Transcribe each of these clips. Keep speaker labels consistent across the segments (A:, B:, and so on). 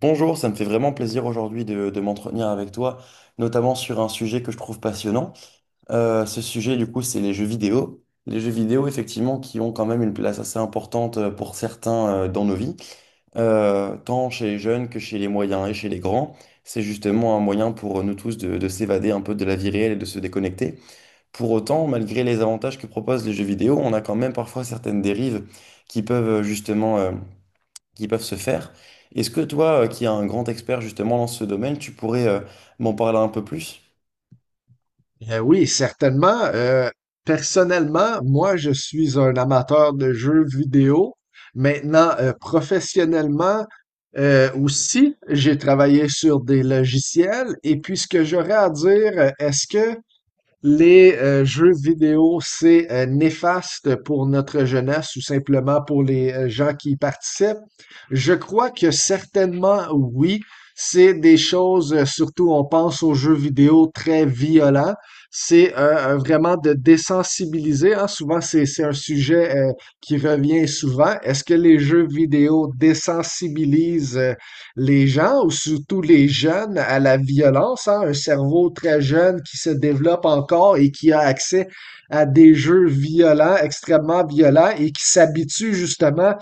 A: Bonjour, ça me fait vraiment plaisir aujourd'hui de m'entretenir avec toi, notamment sur un sujet que je trouve passionnant. Ce sujet, du coup, c'est les jeux vidéo. Les jeux vidéo, effectivement, qui ont quand même une place assez importante pour certains, dans nos vies. Tant chez les jeunes que chez les moyens et chez les grands. C'est justement un moyen pour nous tous de s'évader un peu de la vie réelle et de se déconnecter. Pour autant, malgré les avantages que proposent les jeux vidéo, on a quand même parfois certaines dérives qui peuvent, justement qui peuvent se faire. Est-ce que toi, qui es un grand expert justement dans ce domaine, tu pourrais m'en parler un peu plus?
B: Oui, certainement. Personnellement, moi, je suis un amateur de jeux vidéo. Maintenant, professionnellement, aussi, j'ai travaillé sur des logiciels. Et puis, ce que j'aurais à dire, est-ce que les jeux vidéo, c'est néfaste pour notre jeunesse ou simplement pour les gens qui y participent? Je crois que certainement oui. C'est des choses, surtout on pense aux jeux vidéo très violents. C'est vraiment de désensibiliser, hein. Souvent, c'est un sujet qui revient souvent. Est-ce que les jeux vidéo désensibilisent les gens, ou surtout les jeunes, à la violence, hein, un cerveau très jeune qui se développe encore et qui a accès à des jeux violents, extrêmement violents, et qui s'habitue justement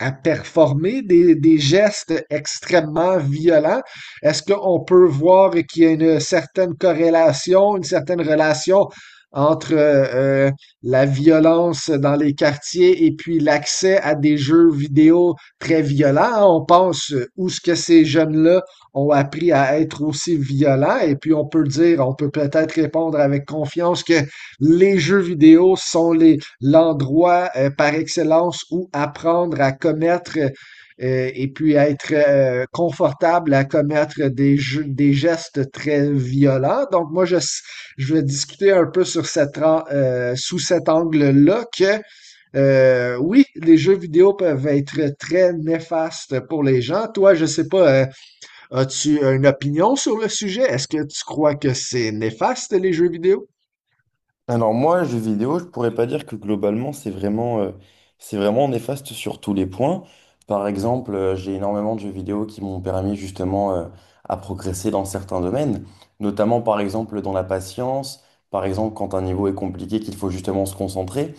B: à performer des gestes extrêmement violents. Est-ce qu'on peut voir qu'il y a une certaine corrélation, une certaine relation entre la violence dans les quartiers et puis l'accès à des jeux vidéo très violents. On pense où ce que ces jeunes-là ont appris à être aussi violents et puis on peut dire, on peut peut-être répondre avec confiance que les jeux vidéo sont les l'endroit par excellence où apprendre à commettre et puis être confortable à commettre des, jeux, des gestes très violents. Donc je vais discuter un peu sur cette, sous cet angle-là que oui, les jeux vidéo peuvent être très néfastes pour les gens. Toi, je sais pas, as-tu une opinion sur le sujet? Est-ce que tu crois que c'est néfaste les jeux vidéo?
A: Alors moi, jeux vidéo, je pourrais pas dire que globalement, c'est vraiment néfaste sur tous les points. Par exemple, j'ai énormément de jeux vidéo qui m'ont permis justement à progresser dans certains domaines, notamment par exemple dans la patience, par exemple quand un niveau est compliqué, qu'il faut justement se concentrer.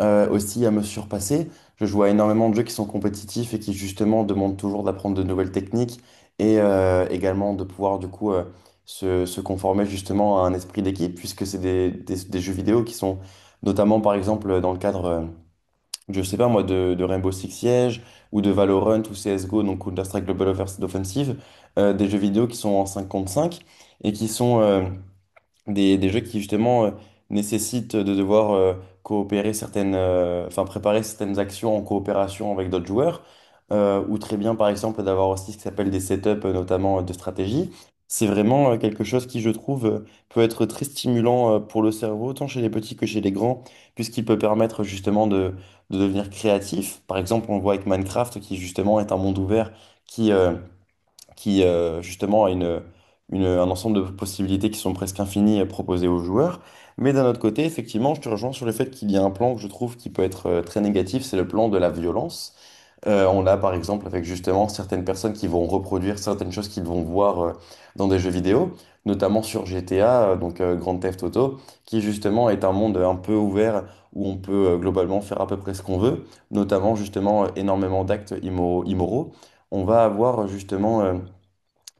A: Aussi à me surpasser. Je joue à énormément de jeux qui sont compétitifs et qui justement demandent toujours d'apprendre de nouvelles techniques et également de pouvoir du coup, se conformer justement à un esprit d'équipe, puisque c'est des, des jeux vidéo qui sont notamment par exemple dans le cadre, je sais pas moi, de Rainbow Six Siege ou de Valorant ou CSGO, donc Counter-Strike Global Offensive, des jeux vidéo qui sont en 5 contre 5 et qui sont des jeux qui justement nécessitent de devoir coopérer certaines, enfin préparer certaines actions en coopération avec d'autres joueurs, ou très bien par exemple d'avoir aussi ce qui s'appelle des setups, notamment de stratégie. C'est vraiment quelque chose qui, je trouve, peut être très stimulant pour le cerveau, tant chez les petits que chez les grands, puisqu'il peut permettre justement de devenir créatif. Par exemple, on le voit avec Minecraft, qui justement est un monde ouvert qui, justement a une, un ensemble de possibilités qui sont presque infinies à proposer aux joueurs. Mais d'un autre côté, effectivement, je te rejoins sur le fait qu'il y a un plan que je trouve qui peut être très négatif, c'est le plan de la violence. On l'a par exemple avec justement certaines personnes qui vont reproduire certaines choses qu'ils vont voir dans des jeux vidéo, notamment sur GTA, donc Grand Theft Auto, qui justement est un monde un peu ouvert où on peut globalement faire à peu près ce qu'on veut, notamment justement énormément d'actes immoraux. On va avoir,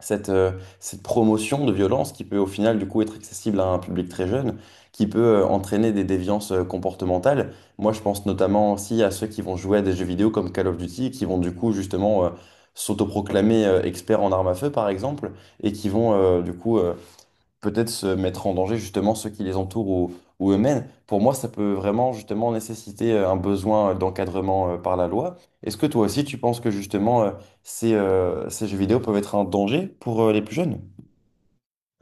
A: cette, euh, cette promotion de violence qui peut au final du coup être accessible à un public très jeune, qui peut entraîner des déviances comportementales. Moi, je pense notamment aussi à ceux qui vont jouer à des jeux vidéo comme Call of Duty, qui vont du coup justement s'autoproclamer experts en armes à feu par exemple, et qui vont, du coup peut-être se mettre en danger justement ceux qui les entourent, ou eux-mêmes. Pour moi, ça peut vraiment justement nécessiter un besoin d'encadrement par la loi. Est-ce que toi aussi, tu penses que justement ces jeux vidéo peuvent être un danger pour les plus jeunes?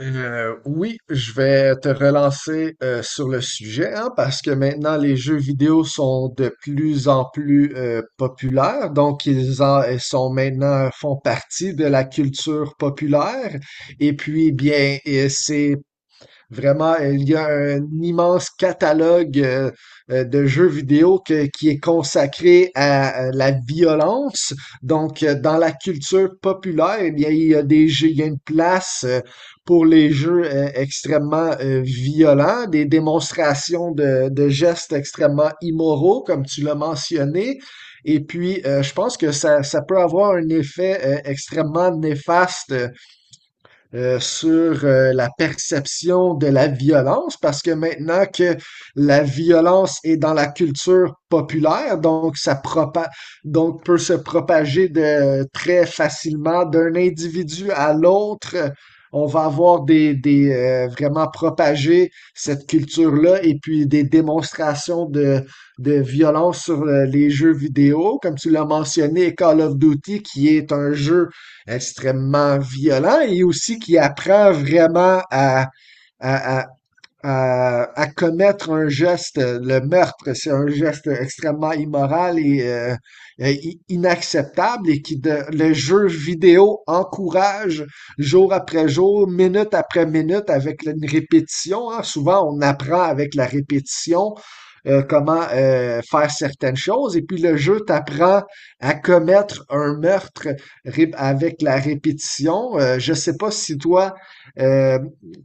B: Oui, je vais te relancer sur le sujet, hein, parce que maintenant les jeux vidéo sont de plus en plus populaires, donc ils en ils sont maintenant font partie de la culture populaire. Et puis eh bien, et c'est Vraiment, il y a un immense catalogue de jeux vidéo qui est consacré à la violence. Donc, dans la culture populaire, eh bien, il y a une place pour les jeux extrêmement violents, des démonstrations de gestes extrêmement immoraux, comme tu l'as mentionné. Et puis, je pense que ça peut avoir un effet extrêmement néfaste sur la perception de la violence, parce que maintenant que la violence est dans la culture populaire, donc ça propa donc peut se propager de très facilement d'un individu à l'autre. On va avoir des vraiment propager cette culture-là et puis des démonstrations de violence sur les jeux vidéo, comme tu l'as mentionné, Call of Duty, qui est un jeu extrêmement violent et aussi qui apprend vraiment à, à, à commettre un geste, le meurtre, c'est un geste extrêmement immoral et inacceptable et le jeu vidéo encourage jour après jour, minute après minute avec une répétition, hein. Souvent, on apprend avec la répétition, comment faire certaines choses et puis le jeu t'apprend à commettre un meurtre avec la répétition. Je sais pas si toi euh,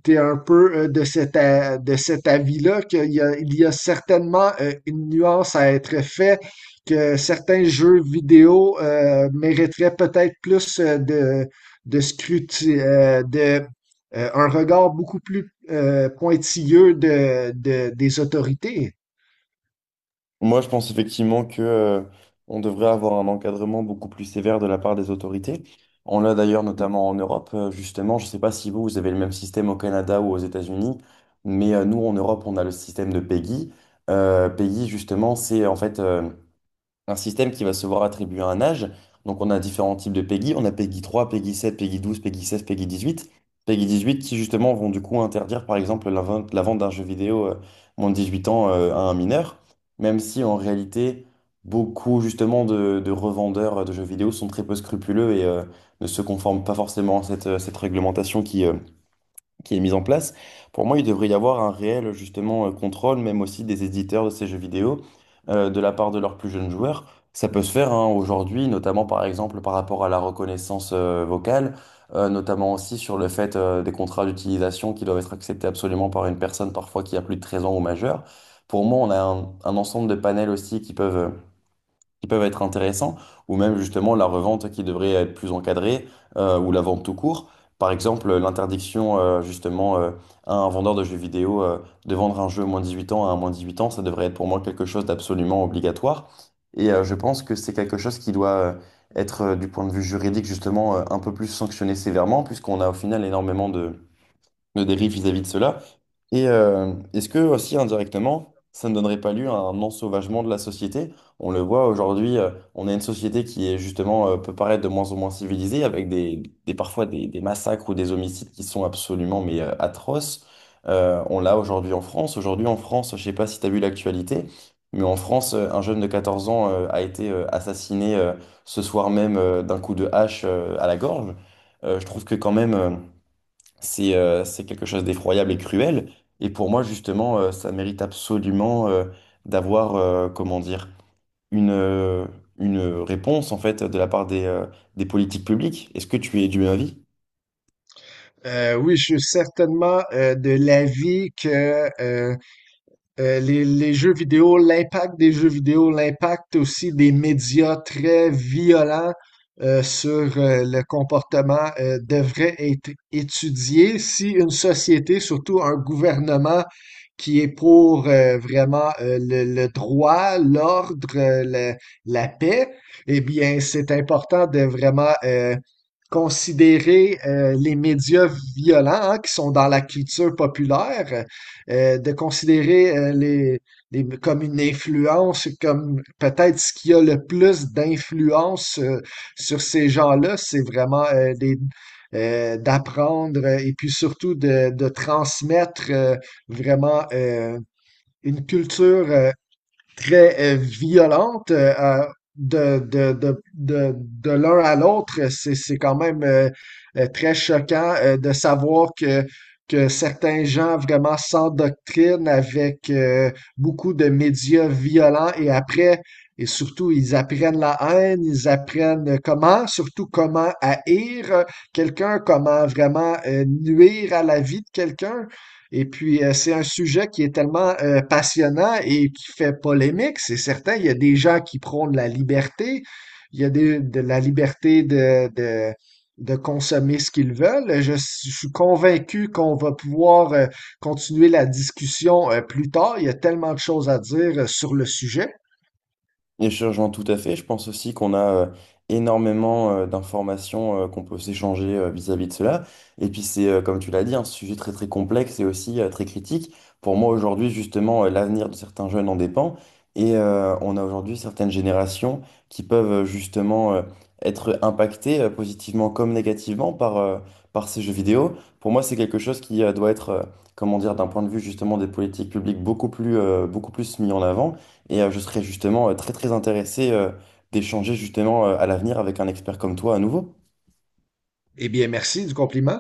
B: tu es un peu de de cet avis-là, qu'il y a, il y a certainement une nuance à être faite, que certains jeux vidéo mériteraient peut-être plus de scruti- euh, de, un regard beaucoup plus pointilleux des autorités.
A: Moi, je pense effectivement que, on devrait avoir un encadrement beaucoup plus sévère de la part des autorités. On l'a d'ailleurs notamment en Europe, justement. Je ne sais pas si vous, vous avez le même système au Canada ou aux États-Unis, mais nous, en Europe, on a le système de PEGI. PEGI, justement, c'est en fait un système qui va se voir attribuer un âge. Donc on a différents types de PEGI. On a PEGI 3, PEGI 7, PEGI 12, PEGI 16, PEGI 18. PEGI 18 qui justement vont du coup interdire par exemple la vente d'un jeu vidéo moins de 18 ans, à un mineur. Même si en réalité beaucoup justement de revendeurs de jeux vidéo sont très peu scrupuleux et ne se conforment pas forcément à cette, cette réglementation qui est mise en place, pour moi, il devrait y avoir un réel justement contrôle, même aussi des éditeurs de ces jeux vidéo, de la part de leurs plus jeunes joueurs. Ça peut se faire hein, aujourd'hui, notamment par exemple par rapport à la reconnaissance vocale, notamment aussi sur le fait des contrats d'utilisation qui doivent être acceptés absolument par une personne parfois qui a plus de 13 ans ou majeur. Pour moi, on a un ensemble de panels aussi qui peuvent, qui peuvent être intéressants, ou même justement la revente qui devrait être plus encadrée, ou la vente tout court. Par exemple, l'interdiction, justement à un vendeur de jeux vidéo de vendre un jeu au moins 18 ans à un moins 18 ans, ça devrait être pour moi quelque chose d'absolument obligatoire. Et je pense que c'est quelque chose qui doit être, du point de vue juridique justement un peu plus sanctionné sévèrement, puisqu'on a au final énormément de dérives vis-à-vis de cela. Et est-ce que aussi indirectement, ça ne donnerait pas lieu à un ensauvagement de la société? On le voit aujourd'hui, on a une société qui est justement, peut paraître de moins en moins civilisée, avec des, parfois des massacres ou des homicides qui sont absolument mais atroces. On l'a aujourd'hui en France. Aujourd'hui en France, je ne sais pas si tu as vu l'actualité, mais en France, un jeune de 14 ans a été assassiné, ce soir même, d'un coup de hache à la gorge. Je trouve que quand même, c'est, c'est quelque chose d'effroyable et cruel. Et pour moi, justement, ça mérite absolument d'avoir, comment dire, une, euh, une réponse, en fait, de la part des politiques publiques. Est-ce que tu es du même avis?
B: Oui, je suis certainement de l'avis que les jeux vidéo, l'impact des jeux vidéo, l'impact aussi des médias très violents sur le comportement devrait être étudié. Si une société, surtout un gouvernement qui est pour vraiment le droit, l'ordre, la, la paix, eh bien, c'est important de vraiment considérer les médias violents, hein, qui sont dans la culture populaire. De considérer comme une influence, comme peut-être ce qui a le plus d'influence sur ces gens-là, c'est vraiment d'apprendre et puis surtout de transmettre vraiment une culture très violente de l'un à l'autre. C'est quand même très choquant de savoir que certains gens vraiment s'endoctrinent avec beaucoup de médias violents et après, et surtout, ils apprennent la haine, ils apprennent comment, surtout comment haïr quelqu'un, comment vraiment nuire à la vie de quelqu'un. Et puis, c'est un sujet qui est tellement passionnant et qui fait polémique, c'est certain. Il y a des gens qui prônent la liberté, il y a de la liberté de consommer ce qu'ils veulent. Je suis convaincu qu'on va pouvoir continuer la discussion plus tard. Il y a tellement de choses à dire sur le sujet.
A: Et je rejoins tout à fait. Je pense aussi qu'on a énormément d'informations qu'on peut s'échanger vis-à-vis de cela. Et puis c'est, comme tu l'as dit, un sujet très très complexe et aussi très critique. Pour moi aujourd'hui, justement, l'avenir de certains jeunes en dépend. Et on a aujourd'hui certaines générations qui peuvent, justement être impactées positivement comme négativement par, par ces jeux vidéo. Pour moi, c'est quelque chose qui doit être, comment dire, d'un point de vue justement des politiques publiques beaucoup plus mis en avant, et je serais justement très très intéressé d'échanger justement à l'avenir avec un expert comme toi à nouveau.
B: Eh bien, merci du compliment.